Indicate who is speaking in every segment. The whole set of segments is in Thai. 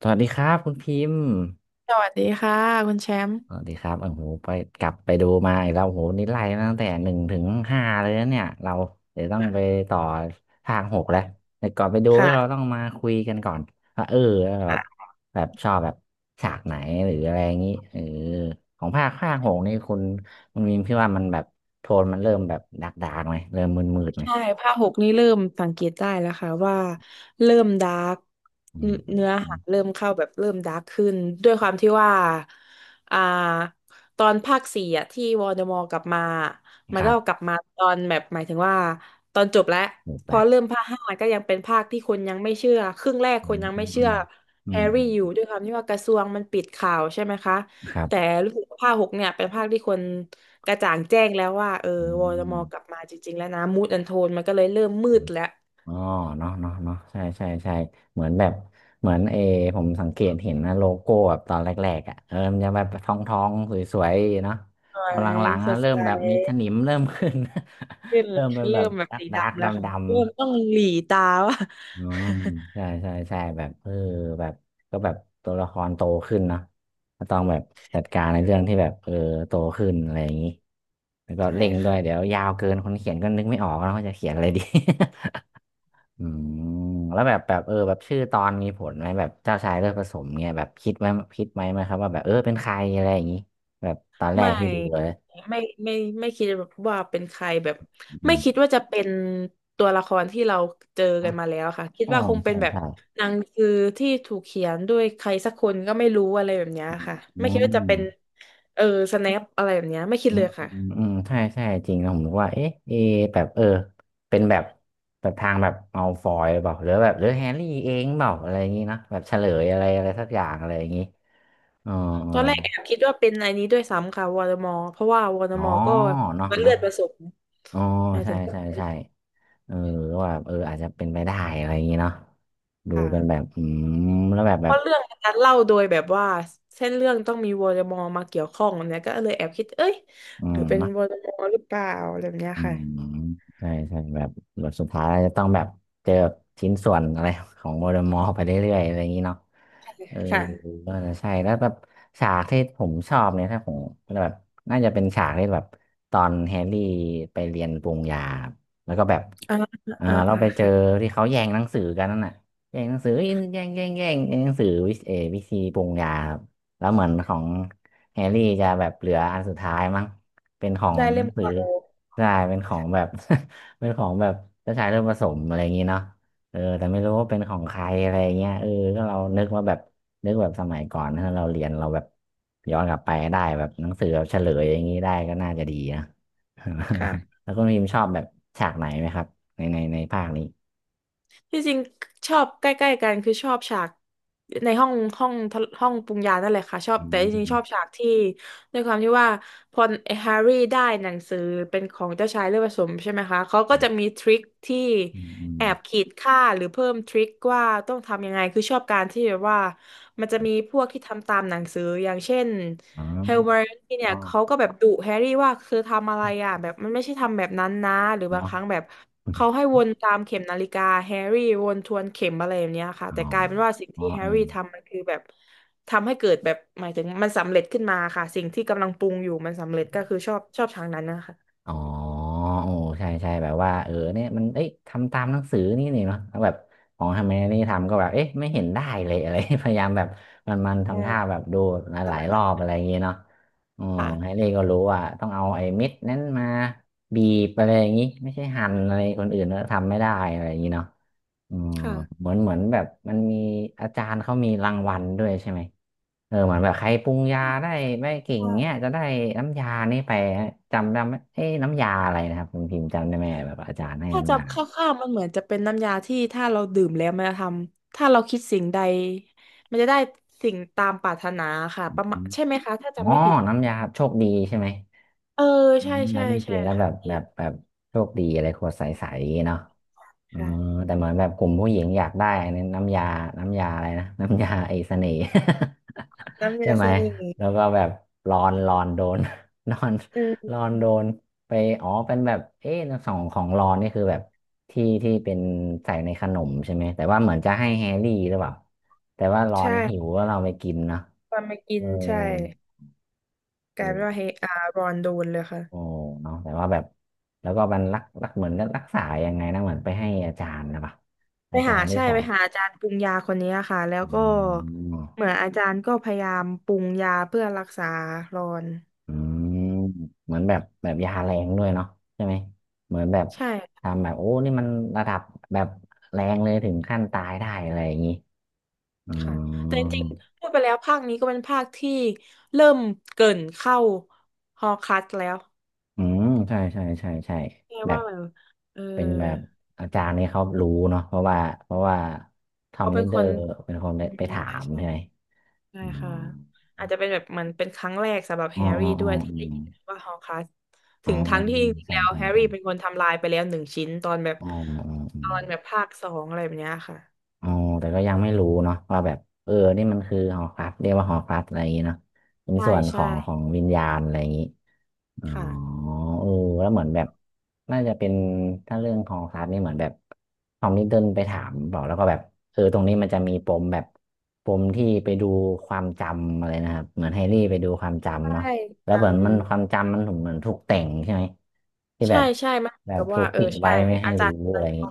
Speaker 1: สวัสดีครับคุณพิมพ์
Speaker 2: สวัสดีค่ะคุณแชมป์
Speaker 1: สวัสดีครับโอ้โหไปกลับไปดูมาอีกแล้วโอ้โหนี่ไล่มาตั้งแต่หนึ่งถึงห้าเลยนะเนี่ยเราเดี๋ยวต้องไปต่อภาคหกแล้วแต่ก่อนไปดูเรา
Speaker 2: ค่ะ
Speaker 1: ต้องมาคุยกันก่อนว่าแบบชอบแบบฉากไหนหรืออะไรอย่างนี้ของภาคหกนี่คุณพิมพ์พี่ว่ามันแบบโทนมันเริ่มแบบดาร์กดากไหมเริ่มมืดไหม
Speaker 2: ใช่ภาคหกนี่เริ่มสังเกตได้แล้วค่ะว่าเริ่มดาร์ก
Speaker 1: อื
Speaker 2: เนื้
Speaker 1: ม
Speaker 2: อเนื้อ
Speaker 1: อื
Speaker 2: หา
Speaker 1: ม
Speaker 2: เริ่มเข้าแบบเริ่มดาร์กขึ้นด้วยความที่ว่าอ่าตอนภาคสี่อะที่วอลเดอมอร์กลับมามั
Speaker 1: ค
Speaker 2: น
Speaker 1: รั
Speaker 2: ก็
Speaker 1: บ
Speaker 2: กลับมาตอนแบบหมายถึงว่าตอนจบแล้ว
Speaker 1: หมด
Speaker 2: พอ
Speaker 1: แล้ว
Speaker 2: เริ่มภาคห้าก็ยังเป็นภาคที่คนยังไม่เชื่อครึ่งแรก
Speaker 1: อื
Speaker 2: คน
Speaker 1: ม
Speaker 2: ยังไม่เชื่อแฮร์รี่อยู่ด้วยความที่ว่ากระทรวงมันปิดข่าวใช่ไหมคะ
Speaker 1: ครับ
Speaker 2: แต่รู้สึกว่าภาคหกเนี่ยเป็นภาคที่คน กระจ่างแจ้งแล้วว่าเออ
Speaker 1: อ
Speaker 2: วอลมอร์
Speaker 1: ื
Speaker 2: กลับมาจริงๆแล้วนะมูดแอนโทนมันก็เลยเริ่มมืด
Speaker 1: ม
Speaker 2: แล้ว
Speaker 1: อ๋อเนาะใช่เหมือนแบบเหมือนผมสังเกตเห็นนะโลโก้แบบตอนแรกๆอ่ะมันจะแบบทองสวยๆเนาะ
Speaker 2: ส
Speaker 1: พ
Speaker 2: ว
Speaker 1: อห
Speaker 2: ย
Speaker 1: ลังๆ
Speaker 2: ส
Speaker 1: นะ
Speaker 2: ด
Speaker 1: เริ่ม
Speaker 2: ใส
Speaker 1: แบบมีสนิมเริ่มขึ้น
Speaker 2: ขึ้น
Speaker 1: เริ่มเป็นแบ
Speaker 2: เริ่
Speaker 1: บ
Speaker 2: มแบบ
Speaker 1: ดัก
Speaker 2: สีดำแล้ว
Speaker 1: ดำ
Speaker 2: ค่ะเริ่มต้องหลีตาว่า
Speaker 1: อ๋อใช่แบบแบบก็แบบตัวละครโตขึ้นเนาะก็ต้องแบบจัดการในเรื่องที่แบบโตขึ้นอะไรอย่างนี้แล้วก็
Speaker 2: ใช่
Speaker 1: เร่งด้วยเดี๋
Speaker 2: ค่ะ
Speaker 1: ยวยาวเกินคนเขียนก็นึกไม่ออกแล้วว่าจะเขียนอะไรดี อืมแล้วแบบชื่อตอนมีผลไหมแบบเจ้าชายเลือดผสมเนี่ยแบบคิดไหมคิดไหมครับว่าแบบเป็นใครอะไรอย่างนี้แบบตอนแรก
Speaker 2: ไม่
Speaker 1: ที่ดูเลย
Speaker 2: ไม่ไม่ไม่คิดว่าเป็นใครแบบ
Speaker 1: อื
Speaker 2: ไม่คิด
Speaker 1: ม
Speaker 2: ว่าจะเป็นตัวละครที่เราเจอ
Speaker 1: อ๋อ
Speaker 2: กันมาแล้วค่ะคิด
Speaker 1: อ๋อ
Speaker 2: ว่าคงเป็
Speaker 1: ใช่
Speaker 2: นแบบ
Speaker 1: ใช่
Speaker 2: หนังสือที่ถูกเขียนด้วยใครสักคนก็ไม่รู้อะไรแบบเนี้ยค่ะ
Speaker 1: อื
Speaker 2: ไม่คิดว่าจะเป็น
Speaker 1: ม
Speaker 2: เออสแนปอะไรแบบเนี้ยไม่คิด
Speaker 1: อื
Speaker 2: เล
Speaker 1: ม
Speaker 2: ยค่ะ
Speaker 1: ใช่จริงนะผมนึกว่าเอ๊ะเอะแบบเป็นแบบทางแบบเอาฟอยหรือเปล่าหรือแบบหรือแฮร์รี่เองเปล่าอะไรอย่างนี้นะแบบเฉลยอะไรอะไรสักอย่างอะไรอย่างนี้อ๋อ
Speaker 2: ตอนแรกแอบคิดว่าเป็นไอันนี้ด้วยซ้ำค่ะวอร์มอเพราะว่าวอร์
Speaker 1: อ๋
Speaker 2: ม
Speaker 1: อ
Speaker 2: อก็
Speaker 1: อ๋อเนาะ
Speaker 2: มันเลือดผสม
Speaker 1: อ๋อ
Speaker 2: หมาย
Speaker 1: ใช่
Speaker 2: ถึง
Speaker 1: เออว่าแบบอาจจะเป็นไปได้อะไรอย่างงี้เนาะดูเป็นแบ
Speaker 2: ค่ะ
Speaker 1: บอืมแล้วแบบ
Speaker 2: เพราะเรื่องมันเล่าโดยแบบว่าเส้นเรื่องต้องมีวอร์มอมาเกี่ยวข้องเนี่ยก็เลยแอบคิดเอ้ย
Speaker 1: อื
Speaker 2: หรือเป็น
Speaker 1: ม
Speaker 2: วอร์มอหรือเปล่าอะไรแบบเนี้ย
Speaker 1: อืม
Speaker 2: ค่ะ
Speaker 1: ใช่แบบบทสุดท้ายจะต้องแบบเจอชิ้นส่วนอะไรของโมเดลมอร์ไปเรื่อยๆอะไรอย่างนี้เนาะเออ
Speaker 2: ค่ะ
Speaker 1: ก็จะใช่แล้วแบบฉากที่ผมชอบเนี่ยถ้าผมแบบน่าจะเป็นฉากที่แบบตอนแฮร์รี่ไปเรียนปรุงยาครับแล้วก็แบบ
Speaker 2: อ่าอ่า
Speaker 1: เรา
Speaker 2: อ่า
Speaker 1: ไปเจอ
Speaker 2: ค่ะ
Speaker 1: ที่เขาแย่งหนังสือกันนั่นน่ะแย่งหนังสือแย่งหนังสือวิวิธีปรุงยาครับแล้วเหมือนของแฮร์รี่จะแบบเหลืออันสุดท้ายมั้ง เป็นของ
Speaker 2: ได้เล่ม
Speaker 1: หรือ
Speaker 2: เก่า
Speaker 1: ใช่เป็นของแบบ เป็นของแบบเจ้าชายเลือดผสมอะไรอย่างงี้เนาะแต่ไม่รู้ว่าเป็นของใครอะไรเงี้ยก็เรานึกว่าแบบนึกแบบสมัยก่อนถ้าเราเรียนเราแบบย้อนกลับไปได้แบบหนังสือแบบเฉลยอย่างนี้ได้ก็น่าจะดีนะ
Speaker 2: ค่ะ
Speaker 1: แล้วคุณพิมพ์ชอบแบบฉากไหนไหมครับในภาคนี้
Speaker 2: ที่จริงชอบใกล้ๆกันคือชอบฉากในห้องปรุงยานั่นแหละค่ะชอบ
Speaker 1: อื
Speaker 2: แต่จริงๆชอบ
Speaker 1: ม
Speaker 2: ฉากที่ด้วยความที่ว่าพอแฮร์รี่ได้หนังสือเป็นของเจ้าชายเลือดผสมใช่ไหมคะเขาก็จะ
Speaker 1: อ
Speaker 2: มีทริคที่
Speaker 1: ืมอืม
Speaker 2: แอบขีดค่าหรือเพิ่มทริคว่าต้องทำยังไงคือชอบการที่แบบว่ามันจะมีพวกที่ทำตามหนังสืออย่างเช่น
Speaker 1: อ๋
Speaker 2: เฮลเมอร์
Speaker 1: อ
Speaker 2: ที่
Speaker 1: อ๋
Speaker 2: เนี่
Speaker 1: อ
Speaker 2: ยเขาก็แบบดุแฮร์รี่ว่าคือทำอะไรอ่ะแบบมันไม่ใช่ทำแบบนั้นนะหรือบาง
Speaker 1: เนาะ
Speaker 2: ครั้งแบบเขาให้ วนตามเข็มนาฬิกาแฮร์รี่วนทวนเข็มอะไรแบบเนี้ยค่ะ
Speaker 1: อ๋อ
Speaker 2: แต่กลายเป็นว่าสิ่งที่แฮ
Speaker 1: เออ
Speaker 2: ร์รี่ทำมันคือแบบทำให้เกิดแบบหมายถึงมันสำเร็จขึ้นมาค่ะสิ่งที่กำลังปรุงอยู่มันสำเร็จก็คือชอบทางนั้นนะคะ
Speaker 1: อ๋อโอ้ใช่แบบว่าเนี่ยมันเอ้ยทำตามหนังสือนี่เนาะแล้วแบบของทำไมนี่ทำก็แบบเอ๊ะไม่เห็นได้เลยอะไร พยายามแบบมัน
Speaker 2: แต่
Speaker 1: ทำท่าแบบดูห
Speaker 2: ตระ
Speaker 1: ลา
Speaker 2: ห
Speaker 1: ย
Speaker 2: นัก
Speaker 1: ๆร
Speaker 2: เล
Speaker 1: อบอะ
Speaker 2: ย
Speaker 1: ไรอย่างเงี้ยเนาะอ๋อ
Speaker 2: ค่ะ
Speaker 1: แฮร์รี่ก็รู้ว่าต้องเอาไอ้เม็ดนั้นมาบีบอะไรอย่างงี้ไม่ใช่หั่นอะไรคนอื่นแล้วทำไม่ได้อะไรอย่างงี้เนาะอืม
Speaker 2: ค่
Speaker 1: เหมือนแบบมันมีอาจารย์เขามีรางวัลด้วยใช่ไหม เหมือนแบบใครปรุงยาได้ไม่เก่งเนี้ยจะ
Speaker 2: ะ
Speaker 1: ได้น้ำยานี่ไปจำได้ไหมเอ้ยน้ำยาอะไรนะครับคุณพิมพ์จำได้ไหมแบบอาจารย์ให้
Speaker 2: ถ้า
Speaker 1: น้ำยา
Speaker 2: จำคร่าวๆมันเหมือนจะเป็นน้ำยาที่ถ้าเราดื่มแล้วมันจะทำถ้าเราคิดสิ่งใดมันจะได้สิ่งตามปรารถนาค่ะ
Speaker 1: อ
Speaker 2: ประมาณใช่
Speaker 1: ม
Speaker 2: ไหมคะถ้าจำ
Speaker 1: อ๋อ
Speaker 2: ไม่ผิด
Speaker 1: น้ำยาโชคดีใช่ไหม
Speaker 2: เออ
Speaker 1: อื
Speaker 2: ใช่
Speaker 1: มอั
Speaker 2: ใช่
Speaker 1: นนี้กิ
Speaker 2: ใช่
Speaker 1: นแล้ว
Speaker 2: ค่ะ
Speaker 1: แบบ
Speaker 2: ที่
Speaker 1: โชคดีอะไรขวดใสๆเนาะ อ๋อ
Speaker 2: ค่ะ
Speaker 1: แต่เหมือนแบบกลุ่มผู้หญิงอยากได้อันนี้น้ำยาอะไรนะน้ำยาไอ้เสน่ห์
Speaker 2: น้ำ
Speaker 1: ใช่
Speaker 2: ยา
Speaker 1: ไห
Speaker 2: เส
Speaker 1: ม
Speaker 2: น่ห์
Speaker 1: แล้วก็แบบรอนโดน นอน
Speaker 2: อืม
Speaker 1: รอนโดนไปอ๋อเป็นแบบเอ๊ะสองของรอนนี่คือแบบที่เป็นใส่ในขนมใช่ไหมแต่ว่าเหมือนจะให้แฮร์รี่หรือเปล่า แต่ว่ารอ
Speaker 2: ใช่
Speaker 1: นหิวก็เราไปกินเนอะ
Speaker 2: ตอนมากิ
Speaker 1: เออ
Speaker 2: นใช่กลายเป็นว่า
Speaker 1: เออ
Speaker 2: เฮอารอนโดนเลยค่ะ
Speaker 1: โอ้เนาะแต่ว่าแบบแล้วก็มันรักเหมือนรักษายังไงนะเหมือนไปให้อาจารย์นะปะ
Speaker 2: ไป
Speaker 1: อาจา
Speaker 2: หา
Speaker 1: รย์ที่
Speaker 2: ใช่
Speaker 1: สอ
Speaker 2: ไป
Speaker 1: น
Speaker 2: หาอาจารย์ปรุงยาคนนี้ค่ะแล้ว
Speaker 1: อ
Speaker 2: ก็
Speaker 1: ๋อ
Speaker 2: เหมือนอาจารย์ก็พยายามปรุงยาเพื่อรักษารอน
Speaker 1: อืมเหมือนแบบยาแรงด้วยเนาะใช่ไหมเหมือนแบบ
Speaker 2: ใช่
Speaker 1: ทำแบบโอ้นี่มันระดับแบบแรงเลยถึงขั้นตายได้อะไรอย่างงี้อ๋อ
Speaker 2: ค่ะแต่จริงๆพูดไปแล้วภาคนี้ก็เป็นภาคที่เริ่มเกริ่นเข้าฮอร์ครัสแล้ว
Speaker 1: อืมใช่
Speaker 2: แปล
Speaker 1: แบ
Speaker 2: ว่า
Speaker 1: บ
Speaker 2: แบบเออ
Speaker 1: เป็นแบบอาจารย์นี่เขารู้เนาะเพราะว่าเพราะว่าทอม
Speaker 2: เขาเป็
Speaker 1: ลิ
Speaker 2: น
Speaker 1: ดเด
Speaker 2: ค
Speaker 1: อ
Speaker 2: น
Speaker 1: ร์เป็นคนไป
Speaker 2: อืม
Speaker 1: ถา
Speaker 2: ใช่
Speaker 1: ม
Speaker 2: ใช่
Speaker 1: ใช่ไหม
Speaker 2: ใช่
Speaker 1: อ๋อ
Speaker 2: ค่ะอาจจะเป็นแบบเหมันเป็นครั้งแรกสำหรับแฮร์รี่ด้
Speaker 1: อ๋อ
Speaker 2: วยที่ได้ยินว่าฮอร์ครัส
Speaker 1: อ๋
Speaker 2: ถึ
Speaker 1: อ
Speaker 2: งทั้งที่จริงๆ
Speaker 1: ใช่
Speaker 2: แล้วแฮร์รี่เป็นคนทำลายไปแล้วหนึ่งชิ้นตอนแบบ
Speaker 1: อ๋ออ๋อ
Speaker 2: ภาคสองอะไรแบบเนี้ยค่ะ
Speaker 1: อ๋อแต่ก็ยังไม่รู้เนาะว่าแบบนี่มันคือหอพักเรียกว่าหอพักอะไรอย่างงี้เนาะเป็น
Speaker 2: ใช่
Speaker 1: ส่วนข
Speaker 2: ใช่
Speaker 1: องของวิญญาณอะไรอย่างงี้อ๋อ
Speaker 2: ค่ะ
Speaker 1: เออแล้วเหมือนแบบน่าจะเป็นถ้าเรื่องขอพักนี่เหมือนแบบทอมลิดเดิลไปถามบอกแล้วก็แบบเออตรงนี้มันจะมีปมแบบปมที่ไปดูความจำอะไรนะครับเหมือนแฮร์รี่ไปดูความ
Speaker 2: ใช
Speaker 1: จำเนาะ
Speaker 2: ่
Speaker 1: แล้
Speaker 2: จ
Speaker 1: วเหมือนมันความ
Speaker 2: ำ
Speaker 1: จำมันเหมือนถูกแต่งใช่ไหมที่แบ
Speaker 2: ใช่
Speaker 1: บ
Speaker 2: ใช่มันเหมือ
Speaker 1: แบ
Speaker 2: น
Speaker 1: บ
Speaker 2: กับ
Speaker 1: ถู
Speaker 2: ว่า
Speaker 1: ก
Speaker 2: เออ
Speaker 1: ปิด
Speaker 2: ใช่
Speaker 1: ไว้ไม่ให้
Speaker 2: อาจา
Speaker 1: รู้
Speaker 2: รย์มั
Speaker 1: อะ
Speaker 2: น
Speaker 1: ไรอย่าง
Speaker 2: เอา
Speaker 1: งี้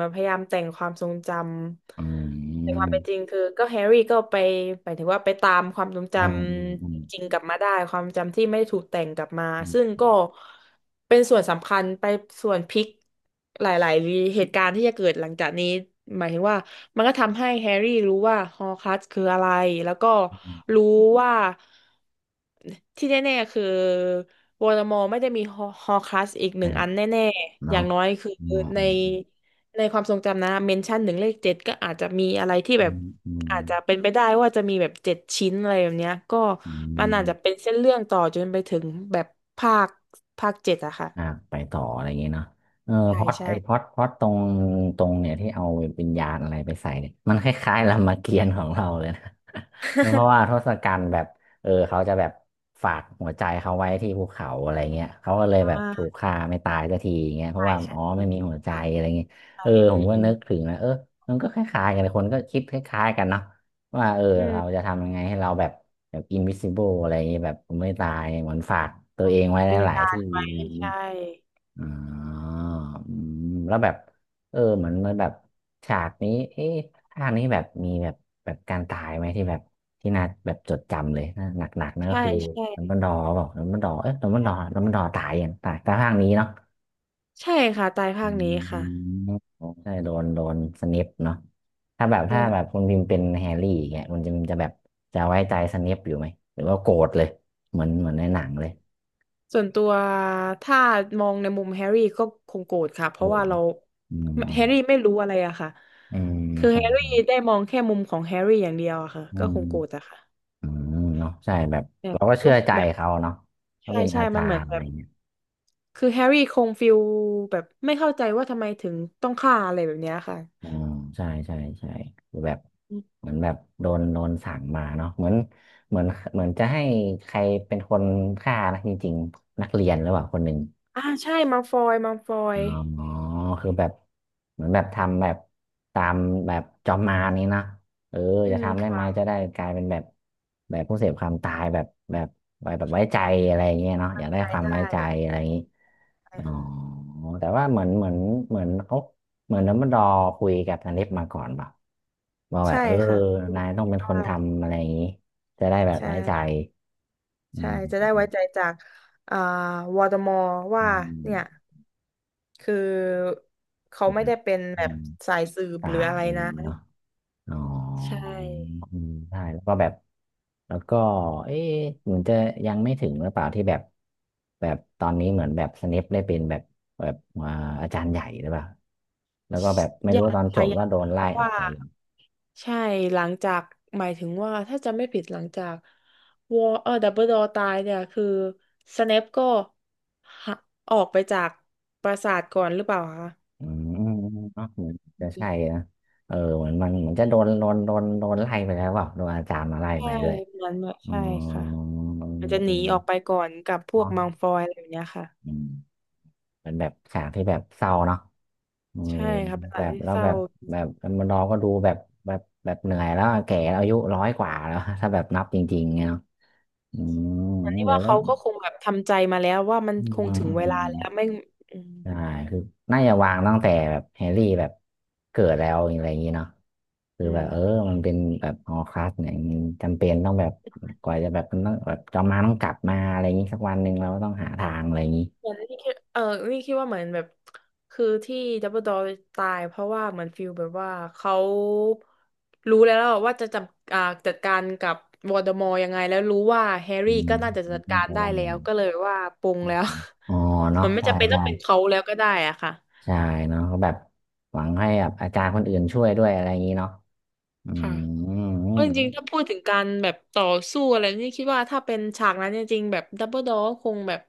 Speaker 2: มาพยายามแต่งความทรงจ
Speaker 1: อื
Speaker 2: ำแต่ความ
Speaker 1: ม
Speaker 2: เป็นจริงคือก็แฮร์รี่ก็ไปหมายถึงว่าไปตามความทรงจ
Speaker 1: อืมอื
Speaker 2: ำ
Speaker 1: ม
Speaker 2: จริงๆกลับมาได้ความจำที่ไม่ได้ถูกแต่งกลับมา
Speaker 1: อื
Speaker 2: ซึ่ง
Speaker 1: ม
Speaker 2: ก็เป็นส่วนสำคัญไปส่วนพลิกหลายๆเหตุการณ์ที่จะเกิดหลังจากนี้หมายถึงว่ามันก็ทำให้แฮร์รี่รู้ว่าฮอร์ครักซ์คืออะไรแล้วก็รู้ว่า ที่แน่ๆคือวอลมอไม่ได้มีฮอคลัสอีกหนึ่
Speaker 1: อ่า
Speaker 2: งอันแน่ๆอ
Speaker 1: เนาะ
Speaker 2: ย่างน้อยคือ
Speaker 1: อื
Speaker 2: ใน
Speaker 1: ม
Speaker 2: ในความทรงจำนะเมนชั่นหนึ่งเลขเจ็ดก็อาจจะมีอะไรที่
Speaker 1: อื
Speaker 2: แบบ
Speaker 1: มอืม
Speaker 2: อาจจะเป็นไปได้ว่าจะมีแบบเจ็ดชิ้นอะไรแบบเนี้ยก็
Speaker 1: อืม
Speaker 2: มั
Speaker 1: อื
Speaker 2: น
Speaker 1: ม
Speaker 2: อาจจะเป็นเส้นเรื่องต่อจนไปถึงแบบภาคภาคเจ็ดอะค่ะ
Speaker 1: อ่าไปต่ออะไรอย่างเงี้ยเนาะเออ
Speaker 2: ใช่
Speaker 1: พล็อต
Speaker 2: ใช่
Speaker 1: ไอพล็อตพล็อตตรงเนี่ยที่เอาวิญญาณอะไรไปใส่เนี่ยมันคล้ายๆ รามเกียรติ์ของเราเลยนะ เพราะว่า ทศกัณฐ์แบบเออเขาจะแบบฝากหัวใจเขาไว้ที่ภูเขาอะไรเงี้ยเขาก็เลยแบบถูก
Speaker 2: อ่า
Speaker 1: ฆ่าไม่ตายสักทีอย่างเงี้ยเพราะ
Speaker 2: ใช่
Speaker 1: ว่า
Speaker 2: ใช่
Speaker 1: อ๋อไม่มีหัวใจ
Speaker 2: ค่ะ
Speaker 1: อะไรเงี้ยเออผ
Speaker 2: อื
Speaker 1: ม
Speaker 2: ม
Speaker 1: ก็
Speaker 2: อืม
Speaker 1: นึกถึงนะเออมันก็คล้ายๆกันเลยคนก็คิดคล้ายๆกันเนาะว่าเออ
Speaker 2: อืม
Speaker 1: เราจะทำยังไงให้เราแบบแบบ invisible อะไรอย่างเงี้ยแบบไม่ตายเหมือนฝากตัวเองไว้ห
Speaker 2: วิญ
Speaker 1: ลาย
Speaker 2: ญา
Speaker 1: ๆ
Speaker 2: ณ
Speaker 1: ที่
Speaker 2: ไว้
Speaker 1: อะไรอย่างงี้
Speaker 2: ใช่
Speaker 1: อ่าอืมแล้วแบบเออเหมือนมันแบบฉากนี้เอ๊ะภาคนี้แบบมีแบบแบบการตายไหมที่แบบที่น่าแบบจดจำเลยนะหนักๆนั่นก็
Speaker 2: ใช่
Speaker 1: คือ
Speaker 2: ใช่
Speaker 1: ดัมเบิลดอร์บอกดัมเบิลดอร์เอ๊ะดัมเบิลดอร์ตายยังตายแต่ภาคนี้เนาะ
Speaker 2: ใช่ค่ะตาย
Speaker 1: อื
Speaker 2: ภาคนี้ค่ะ
Speaker 1: มใช่โดนสเนปเนาะถ้าแบบถ้าแบบคุณพิมพ์เป็นแฮร์รี่อย่างเงี้ยคุณจะแบบจะไว้ใจสเนปอยู่ไหมหรือว่าโกรธเลยเหมือนเหมือนในหนังเลย
Speaker 2: ส่วนตัวถ้ามองในมุมแฮร์รี่ก็คงโกรธค่ะเพ
Speaker 1: ผ
Speaker 2: ราะว่า
Speaker 1: ม
Speaker 2: เรา
Speaker 1: อื
Speaker 2: แฮ
Speaker 1: ม
Speaker 2: ร์รี่ไม่รู้อะไรอะค่ะ
Speaker 1: อืม
Speaker 2: คือ
Speaker 1: ใช่
Speaker 2: แฮร์รี่ได้มองแค่มุมของแฮร์รี่อย่างเดียวอะค่ะ
Speaker 1: อื
Speaker 2: ก็ค
Speaker 1: ม
Speaker 2: งโกรธอะค่ะ
Speaker 1: อืมเนาะใช่แบบ
Speaker 2: แบบ
Speaker 1: เราก็
Speaker 2: ก็
Speaker 1: เชื่อใจ
Speaker 2: แบบ
Speaker 1: เขาเนาะเขา
Speaker 2: ใช่
Speaker 1: เป็น
Speaker 2: ใช่
Speaker 1: อา
Speaker 2: มั
Speaker 1: จา
Speaker 2: นเหมือ
Speaker 1: ร
Speaker 2: น
Speaker 1: ย์อะ
Speaker 2: แบ
Speaker 1: ไร
Speaker 2: บ
Speaker 1: เงี้ย
Speaker 2: คือแฮร์รี่คงฟิลแบบไม่เข้าใจว่าทำไมถึงต้องฆ่าอะไรแบบเนี้ยค่ะ
Speaker 1: อืมใช่ใช่ใช่คือแบบ
Speaker 2: อม
Speaker 1: เหมือนแบบโดนสั่งมาเนาะเหมือนเหมือนเหมือนจะให้ใครเป็นคนฆ่านะจริงๆนักเรียนหรือเปล่าคนหนึ่ง
Speaker 2: ใช่มัลฟอยมัลฟอ
Speaker 1: อ
Speaker 2: ย
Speaker 1: ๋อคือแบบเหมือนแบบทำแบบตามแบบจอมมารนี้นะเออ
Speaker 2: อื
Speaker 1: จะ
Speaker 2: ม
Speaker 1: ทำได้ไหมจะ
Speaker 2: ค่ะ
Speaker 1: ได้กลายเป็นแบบแบบผู้เสพความตายแบบแบบไว้แบบไว้ใจอะไรอย่างเงี้ยเนาะอยากได้
Speaker 2: ขา
Speaker 1: ค
Speaker 2: ย
Speaker 1: วามไว้
Speaker 2: ได้
Speaker 1: ใจอะไรอย่างงี้
Speaker 2: ใช่
Speaker 1: อ๋อ
Speaker 2: ค่ะ
Speaker 1: แต่ว่าเหมือนเหมือนเหมือนเขาเหมือนดัมเบิลดอร์คุยกับนาริสมาก่อนเปล่าว่าแบบ
Speaker 2: ใช่
Speaker 1: เออ
Speaker 2: ค่ะ
Speaker 1: นายต้องเป็นค
Speaker 2: ว้า
Speaker 1: น
Speaker 2: ว
Speaker 1: ทำอะไรอย่างงี้จะได้แบบ
Speaker 2: ใช่
Speaker 1: ไว้ใจอื
Speaker 2: จะได้ไว้ใจ
Speaker 1: ม
Speaker 2: จากอ่าวอตมอว่า
Speaker 1: อื
Speaker 2: เนี่ย
Speaker 1: ม
Speaker 2: คือเขา
Speaker 1: อื
Speaker 2: ไม่
Speaker 1: ม
Speaker 2: ได้เป็น
Speaker 1: อื
Speaker 2: แบบ
Speaker 1: ม
Speaker 2: สายสืบ
Speaker 1: ตา
Speaker 2: หรือ
Speaker 1: ย
Speaker 2: อะไรนะ
Speaker 1: อ๋อ
Speaker 2: ใช่
Speaker 1: อืมใช่แล้วก็แบบแล้วก็เอ๊ะเหมือนจะยังไม่ถึงหรือเปล่าที่แบบแบบตอนนี้เหมือนแบบสเนปได้เป็นแบบแบบอ่าอาจารย์ใหญ่หรือเปล่าแล้วก็แบบไม่
Speaker 2: ยา
Speaker 1: รู้
Speaker 2: ก
Speaker 1: ตอนจ
Speaker 2: ค่ะ
Speaker 1: บ
Speaker 2: ยา
Speaker 1: ว่า
Speaker 2: ก
Speaker 1: โดน
Speaker 2: เพ
Speaker 1: ไล่
Speaker 2: ราะ
Speaker 1: ออก
Speaker 2: ว่า
Speaker 1: อะไปอย่างเงี้ย
Speaker 2: ใช่หลังจากหมายถึงว่าถ้าจะไม่ผิดหลังจากวอดับเบิลดอตายเนี่ยคือสเนปก็หะออกไปจากปราสาทก่อนหรือเปล่าคะ
Speaker 1: อืมอืมอืมเนาะเหมือนจะใช่นะเออเหมือนมันเหมือนจะโดนไล่ไปแล้วเปล่าโดนอาจารย์มาไล่
Speaker 2: ใช่
Speaker 1: ไปด้วย
Speaker 2: เหมือนแบบ
Speaker 1: อื
Speaker 2: ใช่ค่ะ
Speaker 1: มอืม
Speaker 2: มันจะห
Speaker 1: อื
Speaker 2: นีออกไป
Speaker 1: ม
Speaker 2: ก่อนกับพวก
Speaker 1: เนาะ
Speaker 2: มังฟอยอะไรอย่างเงี้ยค่ะ
Speaker 1: เป็นแบบฉากที่แบบเศร้าเนาะเออ
Speaker 2: ใช่ครับเว
Speaker 1: แบ
Speaker 2: ลา
Speaker 1: บ
Speaker 2: ที่
Speaker 1: แล้ว
Speaker 2: เศร้า
Speaker 1: แบบแบบมันเราก็ดูแบบแบบแบบเหนื่อยแล้วแก่แล้วอายุร้อยกว่าแล้ว ถ้าแบบนับจริงๆเนี่ยเนาะอืม
Speaker 2: เหมือนที่
Speaker 1: เดี๋ย
Speaker 2: ว่า
Speaker 1: วแล้ว
Speaker 2: เขาก็คงแบบทำใจมาแล้วว่ามัน
Speaker 1: อื
Speaker 2: ค
Speaker 1: ม
Speaker 2: ง
Speaker 1: อื
Speaker 2: ถึงเวลา
Speaker 1: ม
Speaker 2: แล้วไม่อืม
Speaker 1: ใช่คือน่าจะวางตั้งแต่แบบแฮร์รี่แบบเกิดแล้วอะไรอย่างนี้เนาะคือ
Speaker 2: อื
Speaker 1: แบบเออ
Speaker 2: ม
Speaker 1: มันเป็นแบบฮอร์ครักซ์เนี่ยมันจำเป็นต้องแบบกว่าจะแบบมันต้องแบบจอมมารต้องกลับมาอะไรอย่างนี้สักวันหนึ่งเราก็ต้องหาทางอะไรอย่างนี้
Speaker 2: เหมือนนี่คิดว่าเหมือนแบบคือที่ดับเบิลดอตายเพราะว่าเหมือนฟิลแบบว่าเขารู้แล้วว่าจะจัดอ่าจัดการกับวอ l เดอมอร์ยังไงแล้วรู้ว่าแฮร์
Speaker 1: อื
Speaker 2: รี่
Speaker 1: ม
Speaker 2: ก็น่าจะจัด
Speaker 1: จ
Speaker 2: การ
Speaker 1: ะ
Speaker 2: ได้
Speaker 1: ได้
Speaker 2: แล้วก็เลยว่าปลงแล้ว
Speaker 1: อ๋อ เนาะ
Speaker 2: มันไม่
Speaker 1: ใช่
Speaker 2: จำเป็นต้อ
Speaker 1: ใช่
Speaker 2: งเป็นเขาแล้วก็ได้อะค่ะ
Speaker 1: ใช่เนาะเขาแบบหวังให้แบบอาจารย์คนอื่นช่วยด้วยอะไรอย่างนี้เนาะอื
Speaker 2: ค่ะ
Speaker 1: ม
Speaker 2: เพราะจริงๆถ้าพูดถึงการแบบต่อสู้อะไรนี่คิดว่าถ้าเป็นฉากนั้นจริงๆแบบดับเบิลดอคงแบบ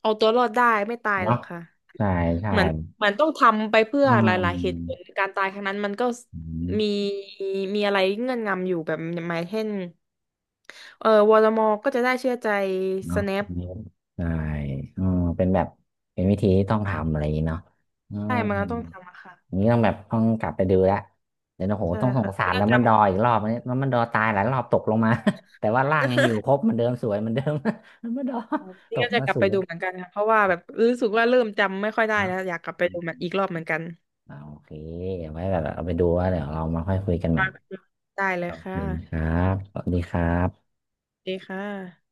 Speaker 2: เอาตัวรอดได้ไม่ตายหร
Speaker 1: เนาะ
Speaker 2: อกค่ะ
Speaker 1: ใช่ใช่
Speaker 2: เหมือนเหมือนต้องทำไปเพื่อ
Speaker 1: อื
Speaker 2: หลายๆเหตุผล
Speaker 1: ม
Speaker 2: การตายครั้งนั้นมันก็
Speaker 1: อืม
Speaker 2: มีมีอะไรเงื่อนงำอยู่แบบหมายเช่นเออวอลมอก็จะได้เชื่อใจส
Speaker 1: เนาะ
Speaker 2: แนป
Speaker 1: อันนี้ใช่อืมเป็นแบบเป็นวิธีที่ต้องทำอะไรอย่างนี้เนาะอื
Speaker 2: ได้
Speaker 1: ม
Speaker 2: มันก็ต้องทำอะค่ะ
Speaker 1: อย่างนี้ต้องแบบต้องกลับไปดูละเดี๋ยวนะโห
Speaker 2: ใช่
Speaker 1: ต้องสง
Speaker 2: ค่ะ
Speaker 1: สา
Speaker 2: นี่
Speaker 1: ร
Speaker 2: ก็
Speaker 1: แล้ว
Speaker 2: จ
Speaker 1: มันดออีกรอบอันนี้แล้วมันดอตายหลายรอบตกลงมา แต่ว่าร่างยังอยู่ครบเหมันเดิมสวยเหมันเดิม มันดอ
Speaker 2: ำ
Speaker 1: ต
Speaker 2: นี่ก็
Speaker 1: ก
Speaker 2: จะ
Speaker 1: มา
Speaker 2: กลับ
Speaker 1: สู
Speaker 2: ไป
Speaker 1: ง
Speaker 2: ดูเหมือนกันค่ะเพราะว่าแบบรู้สึกว่าเริ่มจำไม่ค่อยได้
Speaker 1: เนาะ
Speaker 2: แล้วอยากกลับไปดูมันอีกรอบเหมือนกัน
Speaker 1: อ่าโอเคเอาไว้แบบเอาไปดูว่าเดี๋ยวเรามาค่อยคุยกันใหม่
Speaker 2: ได้เล
Speaker 1: ข
Speaker 2: ย
Speaker 1: อบค
Speaker 2: ค่ะ
Speaker 1: ณครับสวัสดีครับ
Speaker 2: ดีค่ะ